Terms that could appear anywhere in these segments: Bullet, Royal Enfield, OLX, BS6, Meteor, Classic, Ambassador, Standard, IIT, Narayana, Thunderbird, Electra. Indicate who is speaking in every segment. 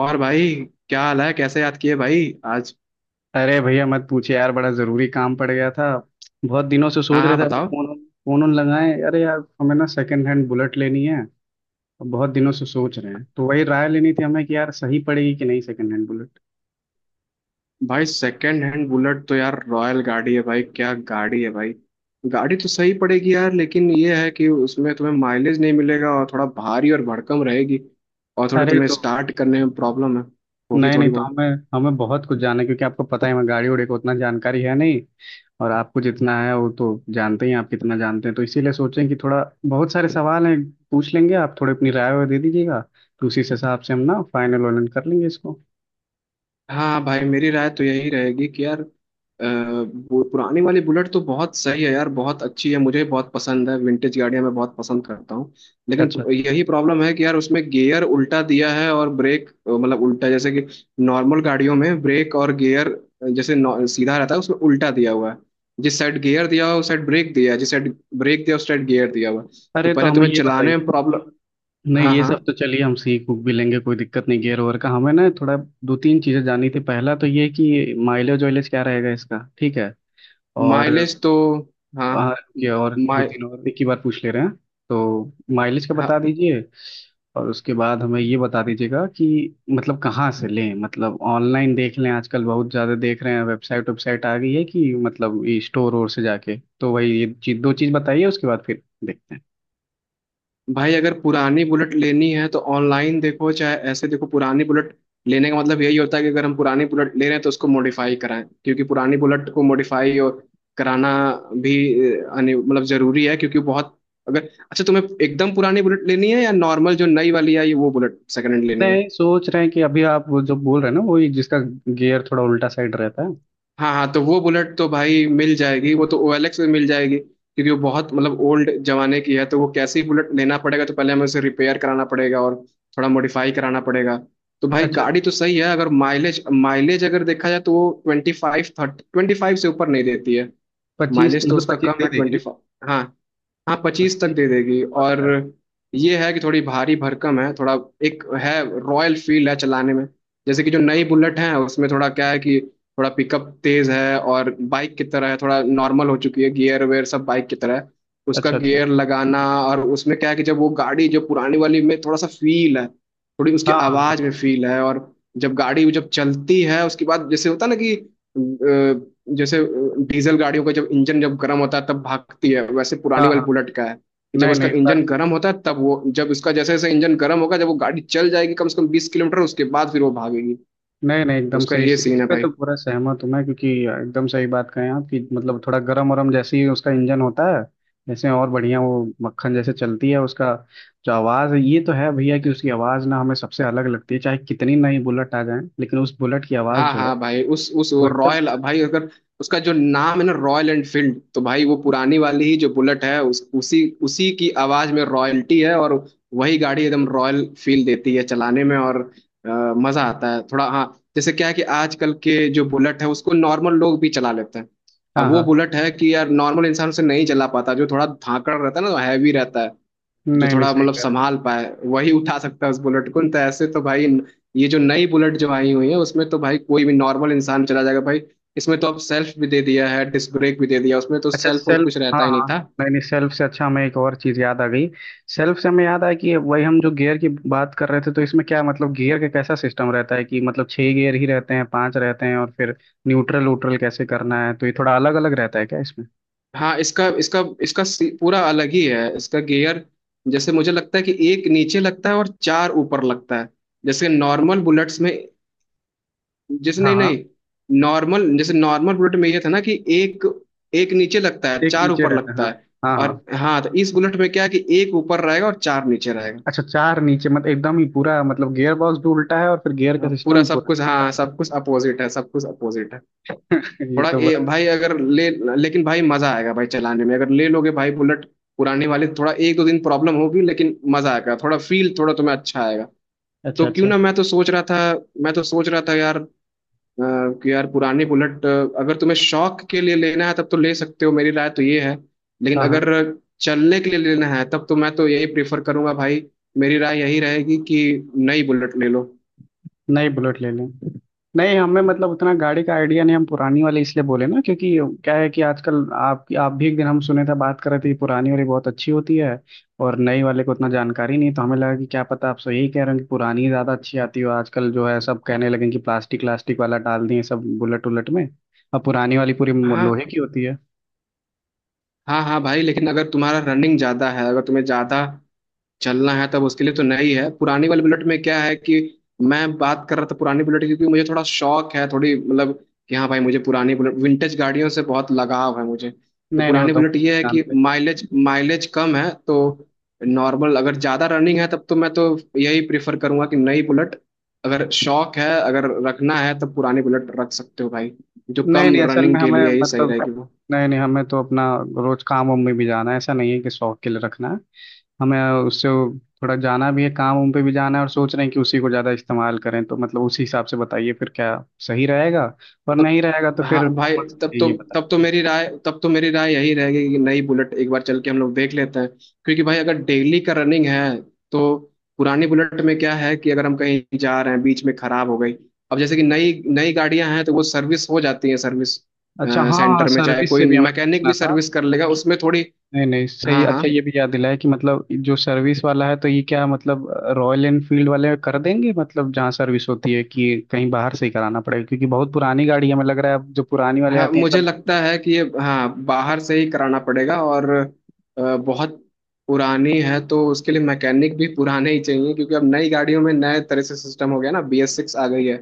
Speaker 1: और भाई क्या हाल है। कैसे याद किए भाई आज।
Speaker 2: अरे भैया मत पूछे यार, बड़ा जरूरी काम पड़ गया था। बहुत दिनों से
Speaker 1: हाँ
Speaker 2: सोच रहे
Speaker 1: हाँ
Speaker 2: थे आपको
Speaker 1: बताओ।
Speaker 2: फोन फोन उन लगाएं। अरे यार, हमें ना सेकंड हैंड बुलेट लेनी है। और बहुत दिनों से सोच रहे हैं, तो वही राय लेनी थी हमें कि यार सही पड़ेगी कि नहीं सेकंड हैंड बुलेट।
Speaker 1: भाई सेकंड हैंड बुलेट तो यार रॉयल गाड़ी है भाई। क्या गाड़ी है भाई। गाड़ी तो सही पड़ेगी यार, लेकिन ये है कि उसमें तुम्हें माइलेज नहीं मिलेगा और थोड़ा भारी और भड़कम रहेगी। और थोड़ा
Speaker 2: अरे
Speaker 1: तुम्हें
Speaker 2: तो
Speaker 1: स्टार्ट करने में प्रॉब्लम है होगी
Speaker 2: नहीं नहीं,
Speaker 1: थोड़ी
Speaker 2: तो
Speaker 1: बहुत।
Speaker 2: हमें हमें बहुत कुछ जानना है, क्योंकि आपको पता है हमें गाड़ी उड़ी को उतना जानकारी है नहीं। और आपको जितना है वो तो जानते ही हैं, आप कितना जानते हैं, तो इसीलिए सोचें कि थोड़ा बहुत सारे सवाल हैं पूछ लेंगे, आप थोड़ी अपनी राय वाय दे दीजिएगा। तो उसी से हिसाब से हम ना फाइनल वाइनल कर लेंगे इसको।
Speaker 1: हाँ भाई, मेरी राय तो यही रहेगी कि यार अ, वो पुराने वाले बुलेट तो बहुत सही है यार, बहुत अच्छी है, मुझे बहुत पसंद है। विंटेज गाड़ियां मैं बहुत पसंद करता हूँ। लेकिन
Speaker 2: अच्छा,
Speaker 1: यही प्रॉब्लम है कि यार उसमें गियर उल्टा दिया है और ब्रेक मतलब उल्टा, जैसे कि नॉर्मल गाड़ियों में ब्रेक और गियर जैसे सीधा रहता है, उसमें उल्टा दिया हुआ है। जिस साइड गियर दिया हुआ है उस साइड ब्रेक दिया है, जिस साइड ब्रेक दिया उस साइड गियर दिया हुआ है। तो
Speaker 2: अरे तो
Speaker 1: पहले
Speaker 2: हमें
Speaker 1: तुम्हें
Speaker 2: ये
Speaker 1: चलाने
Speaker 2: बताइए।
Speaker 1: में प्रॉब्लम।
Speaker 2: नहीं,
Speaker 1: हाँ
Speaker 2: ये
Speaker 1: हाँ।
Speaker 2: सब तो चलिए हम सीख भी लेंगे, कोई दिक्कत नहीं। गियर ओवर का हमें ना थोड़ा दो तीन चीज़ें जाननी थी। पहला तो ये कि माइलेज वाइलेज क्या रहेगा इसका, ठीक है। और
Speaker 1: माइलेज तो। हाँ।
Speaker 2: हाँ, रुकिए, और दो
Speaker 1: माइ
Speaker 2: तीन और एक ही बार पूछ ले रहे हैं। तो माइलेज का बता दीजिए। और उसके बाद हमें ये बता दीजिएगा कि मतलब कहाँ से लें, मतलब ऑनलाइन देख लें, आजकल बहुत ज़्यादा देख रहे हैं, वेबसाइट वेबसाइट आ गई है, कि मतलब स्टोर और से जाके, तो वही ये चीज दो चीज़ बताइए, उसके बाद फिर देखते हैं।
Speaker 1: भाई, अगर पुरानी बुलेट लेनी है तो ऑनलाइन देखो चाहे ऐसे देखो। पुरानी बुलेट लेने का मतलब यही होता है कि अगर हम पुरानी बुलेट ले रहे हैं तो उसको मॉडिफाई कराएं, क्योंकि पुरानी बुलेट को मॉडिफाई और कराना भी मतलब जरूरी है। क्योंकि बहुत। अगर अच्छा तुम्हें एकदम पुरानी बुलेट लेनी है या नॉर्मल जो नई वाली आई है वो बुलेट सेकंड हैंड लेनी है।
Speaker 2: नहीं, सोच रहे हैं कि अभी आप वो जो बोल रहे हैं ना, वही जिसका गियर थोड़ा उल्टा साइड रहता है।
Speaker 1: हाँ हाँ, तो वो बुलेट तो भाई मिल जाएगी, वो तो OLX में मिल जाएगी, क्योंकि वो बहुत मतलब ओल्ड जमाने की है। तो वो कैसी बुलेट लेना पड़ेगा, तो पहले हमें उसे रिपेयर कराना पड़ेगा और थोड़ा मॉडिफाई कराना पड़ेगा। तो भाई
Speaker 2: अच्छा,
Speaker 1: गाड़ी तो सही है। अगर माइलेज माइलेज अगर देखा जाए तो वो 25 30, 25 से ऊपर नहीं देती है।
Speaker 2: पच्चीस तो
Speaker 1: माइलेज तो
Speaker 2: मतलब
Speaker 1: उसका
Speaker 2: पच्चीस
Speaker 1: कम
Speaker 2: दे
Speaker 1: है,
Speaker 2: देगी
Speaker 1: ट्वेंटी
Speaker 2: ना।
Speaker 1: फाइव हाँ हाँ, 25 तक
Speaker 2: पच्चीस
Speaker 1: दे देगी।
Speaker 2: बहुत
Speaker 1: और
Speaker 2: है।
Speaker 1: ये है कि थोड़ी भारी भरकम है थोड़ा। एक है रॉयल फील है चलाने में। जैसे कि जो नई बुलेट है उसमें थोड़ा क्या है कि थोड़ा पिकअप तेज है और बाइक की तरह है, थोड़ा नॉर्मल हो चुकी है, गियर वेयर सब बाइक की तरह है, उसका
Speaker 2: अच्छा अच्छा।
Speaker 1: गियर लगाना। और उसमें क्या है कि जब वो गाड़ी जो पुरानी वाली में थोड़ा सा फील है, थोड़ी उसकी
Speaker 2: हाँ हाँ हाँ
Speaker 1: आवाज में फील है। और जब गाड़ी जब चलती है उसके बाद जैसे होता है ना कि जैसे डीजल गाड़ियों का जब इंजन जब गर्म होता है तब भागती है, वैसे
Speaker 2: हाँ
Speaker 1: पुरानी वाली
Speaker 2: हाँ।
Speaker 1: बुलेट का है कि जब
Speaker 2: नहीं
Speaker 1: उसका
Speaker 2: नहीं इस बार,
Speaker 1: इंजन गर्म होता है तब वो, जब उसका जैसे जैसे इंजन गर्म होगा, जब वो गाड़ी चल जाएगी कम से कम 20 किलोमीटर, उसके बाद फिर वो भागेगी। तो
Speaker 2: नहीं नहीं एकदम
Speaker 1: उसका
Speaker 2: सही।
Speaker 1: ये
Speaker 2: इस
Speaker 1: सीन है
Speaker 2: पे
Speaker 1: भाई।
Speaker 2: तो पूरा सहमत हूँ मैं, क्योंकि एकदम सही बात कहें आप, कि मतलब थोड़ा गरम वरम जैसे ही उसका इंजन होता है, जैसे और बढ़िया वो मक्खन जैसे चलती है। उसका जो आवाज़ है, ये तो है भैया, कि उसकी आवाज़ ना हमें सबसे अलग लगती है, चाहे कितनी नई बुलेट आ जाए, लेकिन उस बुलेट की आवाज़
Speaker 1: हाँ
Speaker 2: जो है
Speaker 1: हाँ भाई, उस
Speaker 2: वो
Speaker 1: वो
Speaker 2: एकदम।
Speaker 1: रॉयल। भाई अगर उसका जो नाम है ना रॉयल एनफील्ड, तो भाई वो पुरानी वाली ही जो बुलेट है उस, उसी उसी की आवाज में रॉयल्टी है। और वही गाड़ी एकदम रॉयल फील देती है चलाने में। और अ, मजा आता है थोड़ा, हाँ। जैसे क्या है कि आजकल के जो बुलेट है उसको नॉर्मल लोग भी चला लेते हैं, अब
Speaker 2: हाँ
Speaker 1: वो
Speaker 2: हाँ।
Speaker 1: बुलेट है कि यार नॉर्मल इंसान उसे नहीं चला पाता, जो थोड़ा धाकड़ रहता है ना, हैवी रहता है। जो
Speaker 2: नहीं नहीं,
Speaker 1: थोड़ा
Speaker 2: सही
Speaker 1: मतलब
Speaker 2: कह रहे हैं।
Speaker 1: संभाल पाए वही उठा सकता है उस बुलेट को, नहीं तो। ऐसे तो भाई ये जो नई बुलेट जो आई हुई है उसमें तो भाई कोई भी नॉर्मल इंसान चला जाएगा भाई। इसमें तो अब सेल्फ भी दे दिया है, डिस्क ब्रेक भी दे दिया, उसमें तो
Speaker 2: अच्छा
Speaker 1: सेल्फ और
Speaker 2: सेल्फ,
Speaker 1: कुछ
Speaker 2: हाँ
Speaker 1: रहता ही नहीं
Speaker 2: हाँ।
Speaker 1: था।
Speaker 2: नहीं नहीं, सेल्फ से अच्छा हमें एक और चीज़ याद आ गई। सेल्फ से हमें याद आया कि वही हम जो गियर की बात कर रहे थे, तो इसमें क्या मतलब गियर का कैसा सिस्टम रहता है, कि मतलब 6 गियर ही रहते हैं, 5 रहते हैं, और फिर न्यूट्रल व्यूट्रल कैसे करना है, तो ये थोड़ा अलग अलग रहता है क्या इसमें?
Speaker 1: हाँ, इसका इसका इसका पूरा अलग ही है इसका गियर। जैसे मुझे लगता है कि एक नीचे लगता है और चार ऊपर लगता है, जैसे नॉर्मल बुलेट्स में। जैसे
Speaker 2: हाँ
Speaker 1: नहीं
Speaker 2: हाँ,
Speaker 1: नहीं, नॉर्मल जैसे, नॉर्मल बुलेट में ये था ना कि एक, नीचे लगता है,
Speaker 2: एक
Speaker 1: चार
Speaker 2: नीचे
Speaker 1: ऊपर
Speaker 2: रहता है,
Speaker 1: लगता
Speaker 2: हाँ
Speaker 1: है।
Speaker 2: हाँ हाँ।
Speaker 1: और हाँ, तो इस बुलेट में क्या है कि एक ऊपर रहेगा और चार नीचे रहेगा।
Speaker 2: अच्छा, चार नीचे, मतलब एकदम ही पूरा मतलब गियर बॉक्स भी उल्टा है, और फिर गियर का
Speaker 1: हाँ, पूरा
Speaker 2: सिस्टम
Speaker 1: सब
Speaker 2: पूरा।
Speaker 1: कुछ, हाँ सब कुछ अपोजिट है, सब कुछ अपोजिट है।
Speaker 2: ये
Speaker 1: थोड़ा
Speaker 2: तो बड़ा,
Speaker 1: भाई अगर ले, लेकिन भाई मजा आएगा भाई चलाने में अगर ले लोगे भाई बुलेट पुराने वाले। थोड़ा एक दो दिन प्रॉब्लम होगी लेकिन मजा आएगा, थोड़ा फील थोड़ा तुम्हें अच्छा आएगा।
Speaker 2: अच्छा
Speaker 1: तो क्यों
Speaker 2: अच्छा।
Speaker 1: ना। मैं तो सोच रहा था यार अ, कि यार पुरानी बुलेट अगर तुम्हें शौक के लिए लेना है तब तो ले सकते हो। मेरी राय तो ये है। लेकिन
Speaker 2: हाँ हाँ,
Speaker 1: अगर चलने के लिए लेना है तब तो मैं तो यही प्रेफर करूंगा भाई। मेरी राय यही रहेगी कि नई बुलेट ले लो।
Speaker 2: नई बुलेट ले लें। नहीं, हमें मतलब उतना गाड़ी का आइडिया नहीं, हम पुरानी वाले इसलिए बोले ना, क्योंकि क्या है कि आजकल आप भी एक दिन हम सुने थे बात कर रहे थे कि पुरानी वाली बहुत अच्छी होती है, और नई वाले को उतना जानकारी नहीं, तो हमें लगा कि क्या पता आप सो यही कह रहे हो कि पुरानी ज़्यादा अच्छी आती हो। आजकल जो है सब कहने लगे कि प्लास्टिक व्लास्टिक वाला डाल दिए सब बुलेट उलट में, और पुरानी वाली पूरी
Speaker 1: हाँ
Speaker 2: लोहे की होती है।
Speaker 1: हाँ, हाँ भाई, लेकिन अगर तुम्हारा रनिंग ज्यादा है, अगर तुम्हें ज्यादा चलना है तब उसके लिए तो नई है। पुरानी वाली बुलेट में क्या है कि, मैं बात कर रहा था पुरानी बुलेट की, क्योंकि मुझे थोड़ा शौक है, थोड़ी मतलब, कि हाँ भाई मुझे पुरानी बुलेट, विंटेज गाड़ियों से बहुत लगाव है मुझे। तो
Speaker 2: नहीं नहीं, वो
Speaker 1: पुरानी
Speaker 2: तो हम
Speaker 1: बुलेट
Speaker 2: अच्छे से
Speaker 1: ये है कि
Speaker 2: जानते हैं।
Speaker 1: माइलेज माइलेज कम है, तो नॉर्मल अगर ज़्यादा रनिंग है तब तो मैं तो यही प्रेफर करूंगा कि नई बुलेट। अगर शौक है, अगर रखना है तब पुरानी बुलेट रख सकते हो भाई, जो
Speaker 2: नहीं
Speaker 1: कम
Speaker 2: नहीं असल
Speaker 1: रनिंग
Speaker 2: में
Speaker 1: के
Speaker 2: हमें
Speaker 1: लिए ही सही
Speaker 2: मतलब,
Speaker 1: रहेगी वो।
Speaker 2: नहीं नहीं हमें तो अपना रोज काम वाम में भी जाना है, ऐसा नहीं है कि शौक के लिए रखना है। हमें उससे थोड़ा जाना भी है, काम उम पे भी जाना है, और सोच रहे हैं कि उसी को ज़्यादा इस्तेमाल करें, तो मतलब उसी हिसाब से बताइए फिर क्या सही रहेगा, और
Speaker 1: तब
Speaker 2: नहीं
Speaker 1: तो,
Speaker 2: रहेगा तो फिर
Speaker 1: हाँ भाई,
Speaker 2: कौन सी
Speaker 1: तब तो
Speaker 2: चाहिए बता
Speaker 1: तब तो
Speaker 2: दीजिए।
Speaker 1: मेरी राय, तब तो मेरी राय यही रहेगी कि नई बुलेट एक बार चल के हम लोग देख लेते हैं। क्योंकि भाई अगर डेली का रनिंग है तो पुरानी बुलेट में क्या है कि अगर हम कहीं जा रहे हैं, बीच में खराब हो गई। अब जैसे कि नई नई गाड़ियां हैं तो वो सर्विस हो जाती है, सर्विस
Speaker 2: अच्छा हाँ हाँ,
Speaker 1: सेंटर में, चाहे
Speaker 2: सर्विस
Speaker 1: कोई
Speaker 2: से भी हमें
Speaker 1: मैकेनिक
Speaker 2: पूछना
Speaker 1: भी
Speaker 2: था।
Speaker 1: सर्विस कर लेगा उसमें, थोड़ी।
Speaker 2: नहीं नहीं सही,
Speaker 1: हाँ हाँ,
Speaker 2: अच्छा ये भी याद दिलाया, कि मतलब जो सर्विस वाला है, तो ये क्या मतलब रॉयल एनफील्ड वाले कर देंगे, मतलब जहाँ सर्विस होती है, कि कहीं बाहर से ही कराना पड़ेगा, क्योंकि बहुत पुरानी गाड़ी है, हमें लग रहा है अब जो पुरानी वाले
Speaker 1: हाँ
Speaker 2: आती हैं
Speaker 1: मुझे
Speaker 2: सब।
Speaker 1: लगता है कि ये, हाँ बाहर से ही कराना पड़ेगा। और बहुत पुरानी है तो उसके लिए मैकेनिक भी पुराने ही चाहिए, क्योंकि अब नई गाड़ियों में नए तरह से सिस्टम हो गया ना, BS6 आ गई है।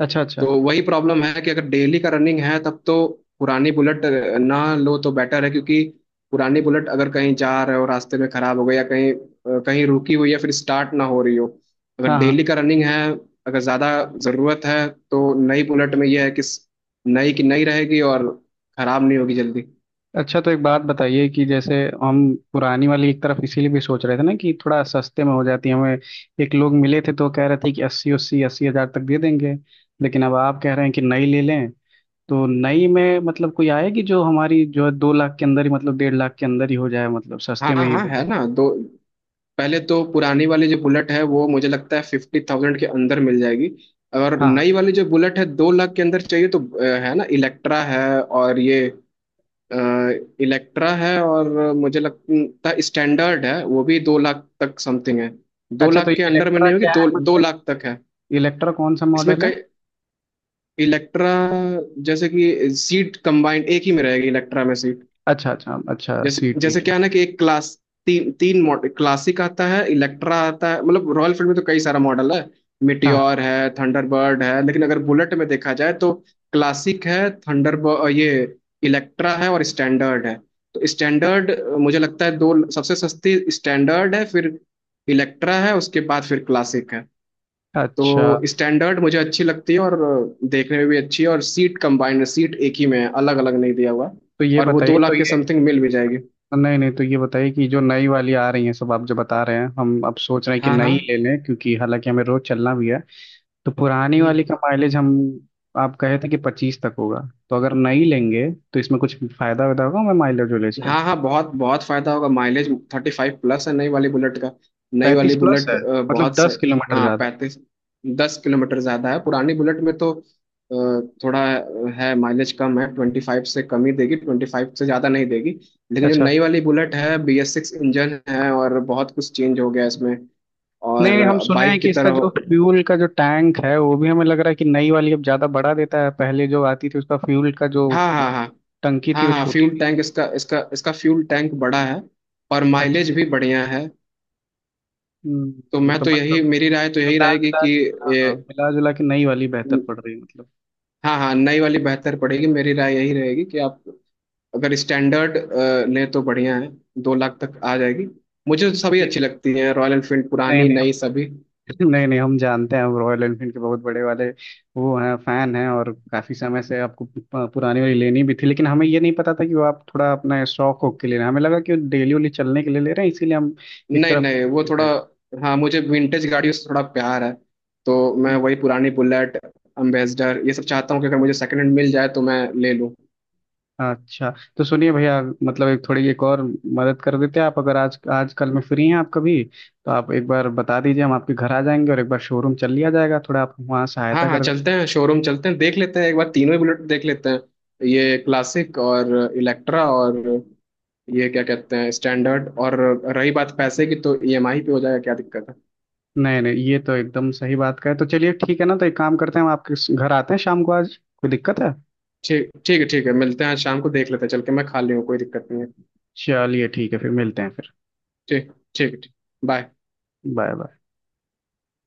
Speaker 2: अच्छा अच्छा।
Speaker 1: तो वही प्रॉब्लम है कि अगर डेली का रनिंग है तब तो पुरानी बुलेट ना लो तो बेटर है। क्योंकि पुरानी बुलेट अगर कहीं जा रहे हो रास्ते में खराब हो गई या कहीं कहीं रुकी हुई है फिर स्टार्ट ना हो रही हो, अगर
Speaker 2: हाँ
Speaker 1: डेली
Speaker 2: हाँ।
Speaker 1: का रनिंग है, अगर ज़्यादा ज़रूरत है तो नई बुलेट में यह है कि नई की नई रहेगी और खराब नहीं होगी जल्दी।
Speaker 2: अच्छा, तो एक बात बताइए, कि जैसे हम पुरानी वाली एक तरफ इसीलिए भी सोच रहे थे ना, कि थोड़ा सस्ते में हो जाती है हमें। एक लोग मिले थे तो कह रहे थे कि अस्सी अस्सी 80,000 तक दे देंगे, लेकिन अब आप कह रहे हैं कि नई ले लें। तो नई में मतलब कोई आएगी जो हमारी, जो है 2 लाख के अंदर ही, मतलब 1.5 लाख के अंदर ही हो जाए, मतलब
Speaker 1: हाँ
Speaker 2: सस्ते में ही
Speaker 1: हाँ,
Speaker 2: हो
Speaker 1: है
Speaker 2: जाए।
Speaker 1: ना। दो, पहले तो पुरानी वाली जो बुलेट है वो मुझे लगता है 50,000 के अंदर मिल जाएगी। और
Speaker 2: हाँ हाँ।
Speaker 1: नई वाली जो बुलेट है 2 लाख के अंदर चाहिए तो है ना, इलेक्ट्रा है। और ये इलेक्ट्रा है, और मुझे लगता है स्टैंडर्ड है, वो भी 2 लाख तक समथिंग है। दो
Speaker 2: अच्छा, तो
Speaker 1: लाख के अंडर में
Speaker 2: इलेक्ट्रा
Speaker 1: नहीं होगी,
Speaker 2: क्या है
Speaker 1: दो दो
Speaker 2: मतलब,
Speaker 1: लाख तक है।
Speaker 2: इलेक्ट्रा कौन सा
Speaker 1: इसमें
Speaker 2: मॉडल है?
Speaker 1: कई। इलेक्ट्रा जैसे कि सीट कंबाइंड एक ही में रहेगी, इलेक्ट्रा में सीट।
Speaker 2: अच्छा अच्छा अच्छा,
Speaker 1: जैसे
Speaker 2: सी
Speaker 1: जैसे
Speaker 2: की
Speaker 1: क्या है ना कि एक क्लास, तीन 3 मॉडल, क्लासिक आता है, इलेक्ट्रा आता है, मतलब रॉयल फील्ड में तो कई सारा मॉडल है।
Speaker 2: हाँ
Speaker 1: मिटियोर है, थंडरबर्ड है, लेकिन अगर बुलेट में देखा जाए तो क्लासिक है, थंडरबर्ड, ये इलेक्ट्रा है, और स्टैंडर्ड है। तो स्टैंडर्ड, मुझे लगता है दो, सबसे सस्ती स्टैंडर्ड है, फिर इलेक्ट्रा है, उसके बाद फिर क्लासिक है।
Speaker 2: हाँ।
Speaker 1: तो
Speaker 2: अच्छा,
Speaker 1: स्टैंडर्ड मुझे अच्छी लगती है, और देखने में भी अच्छी है, और सीट कंबाइंड है, सीट एक ही में है, अलग अलग नहीं दिया हुआ।
Speaker 2: तो ये
Speaker 1: और वो
Speaker 2: बताइए
Speaker 1: दो
Speaker 2: तो
Speaker 1: लाख के
Speaker 2: ये,
Speaker 1: समथिंग मिल भी जाएगी।
Speaker 2: नहीं नहीं तो ये बताइए, कि जो नई वाली आ रही है सब आप जो बता रहे हैं, हम अब सोच रहे हैं कि
Speaker 1: हाँ हाँ।
Speaker 2: नई ले लें, क्योंकि हालांकि हमें रोज चलना भी है। तो पुरानी वाली का
Speaker 1: हम्म,
Speaker 2: माइलेज हम, आप कहे थे कि 25 तक होगा, तो अगर नई लेंगे तो इसमें कुछ फायदा वायदा होगा हमें माइलेज वाइलेज का?
Speaker 1: हाँ हाँ, बहुत बहुत फायदा होगा माइलेज। 35 प्लस है नई वाली बुलेट का। नई
Speaker 2: 35
Speaker 1: वाली
Speaker 2: प्लस
Speaker 1: बुलेट
Speaker 2: है, मतलब
Speaker 1: बहुत सही।
Speaker 2: 10 किलोमीटर
Speaker 1: हाँ
Speaker 2: ज्यादा।
Speaker 1: 35, 10 किलोमीटर ज्यादा है पुरानी बुलेट में, तो थोड़ा है माइलेज, कम है ट्वेंटी फाइव से, कम ही देगी, 25 से ज्यादा नहीं देगी। लेकिन जो
Speaker 2: अच्छा,
Speaker 1: नई वाली बुलेट है BS6 इंजन है और बहुत कुछ चेंज हो गया इसमें।
Speaker 2: नहीं नहीं हम
Speaker 1: और
Speaker 2: सुने हैं
Speaker 1: बाइक की
Speaker 2: कि
Speaker 1: तरह
Speaker 2: इसका
Speaker 1: हो-
Speaker 2: जो फ्यूल का जो टैंक है, वो भी हमें लग रहा है कि नई वाली अब ज्यादा बड़ा देता है, पहले जो आती थी उसका फ्यूल का जो
Speaker 1: हाँ हाँ हाँ,
Speaker 2: टंकी थी
Speaker 1: हाँ
Speaker 2: वो
Speaker 1: हाँ
Speaker 2: छोटी
Speaker 1: फ्यूल
Speaker 2: थी।
Speaker 1: टैंक, इसका इसका इसका फ्यूल टैंक बड़ा है, और
Speaker 2: अच्छा,
Speaker 1: माइलेज भी बढ़िया है। तो मैं
Speaker 2: तो
Speaker 1: तो
Speaker 2: मतलब
Speaker 1: यही, मेरी राय तो यही
Speaker 2: मिला
Speaker 1: रहेगी
Speaker 2: जुला
Speaker 1: कि
Speaker 2: के, हाँ
Speaker 1: ए,
Speaker 2: हाँ, मिला जुला के नई वाली बेहतर पड़ रही है मतलब।
Speaker 1: हाँ हाँ, नई वाली बेहतर पड़ेगी। मेरी राय यही रहेगी कि आप अगर स्टैंडर्ड लें तो बढ़िया है, 2 लाख तक आ जाएगी। मुझे तो सभी
Speaker 2: ये
Speaker 1: अच्छी लगती हैं रॉयल एनफील्ड,
Speaker 2: नए
Speaker 1: पुरानी
Speaker 2: नए हम
Speaker 1: नई सभी।
Speaker 2: लोग, नए नए हम जानते हैं, हम रॉयल एनफील्ड के बहुत बड़े वाले वो हैं, फैन हैं, और काफी समय से आपको पुरानी वाली लेनी भी थी, लेकिन हमें ये नहीं पता था कि वो आप थोड़ा अपना शौक हो के ले रहे हैं, हमें लगा कि वो डेली वाली चलने के लिए ले रहे हैं, इसीलिए हम एक
Speaker 1: नहीं
Speaker 2: तरफ
Speaker 1: नहीं, वो
Speaker 2: सोचने
Speaker 1: थोड़ा,
Speaker 2: लगे।
Speaker 1: हाँ मुझे विंटेज गाड़ियों से थोड़ा प्यार है। तो मैं
Speaker 2: हम्म।
Speaker 1: वही पुरानी बुलेट, अम्बेसडर, ये सब चाहता हूँ कि अगर मुझे सेकंड हैंड मिल जाए तो मैं ले लूँ।
Speaker 2: अच्छा, तो सुनिए भैया, मतलब एक थोड़ी एक और मदद कर देते हैं आप, अगर आज आजकल में फ्री हैं आप कभी, तो आप एक बार बता दीजिए, हम आपके घर आ जाएंगे, और एक बार शोरूम चल लिया जाएगा, थोड़ा आप वहाँ
Speaker 1: हाँ
Speaker 2: सहायता
Speaker 1: हाँ,
Speaker 2: कर।
Speaker 1: चलते हैं शोरूम, चलते हैं देख लेते हैं एक बार, तीनों ही बुलेट देख लेते हैं, ये क्लासिक और इलेक्ट्रा और ये क्या कहते हैं, स्टैंडर्ड। और रही बात पैसे की तो ईएमआई पे हो जाएगा, क्या दिक्कत है।
Speaker 2: नहीं नहीं, ये तो एकदम सही बात का है, तो चलिए ठीक है ना, तो एक काम करते हैं हम आपके घर आते हैं शाम को आज, कोई दिक्कत है?
Speaker 1: ठीक ठीक है ठीक है, मिलते हैं आज शाम को, देख लेते हैं चल के, मैं खाली हूँ कोई दिक्कत नहीं है।
Speaker 2: चलिए ठीक है, फिर मिलते हैं फिर।
Speaker 1: ठीक ठीक ठीक। बाय।
Speaker 2: Bye bye.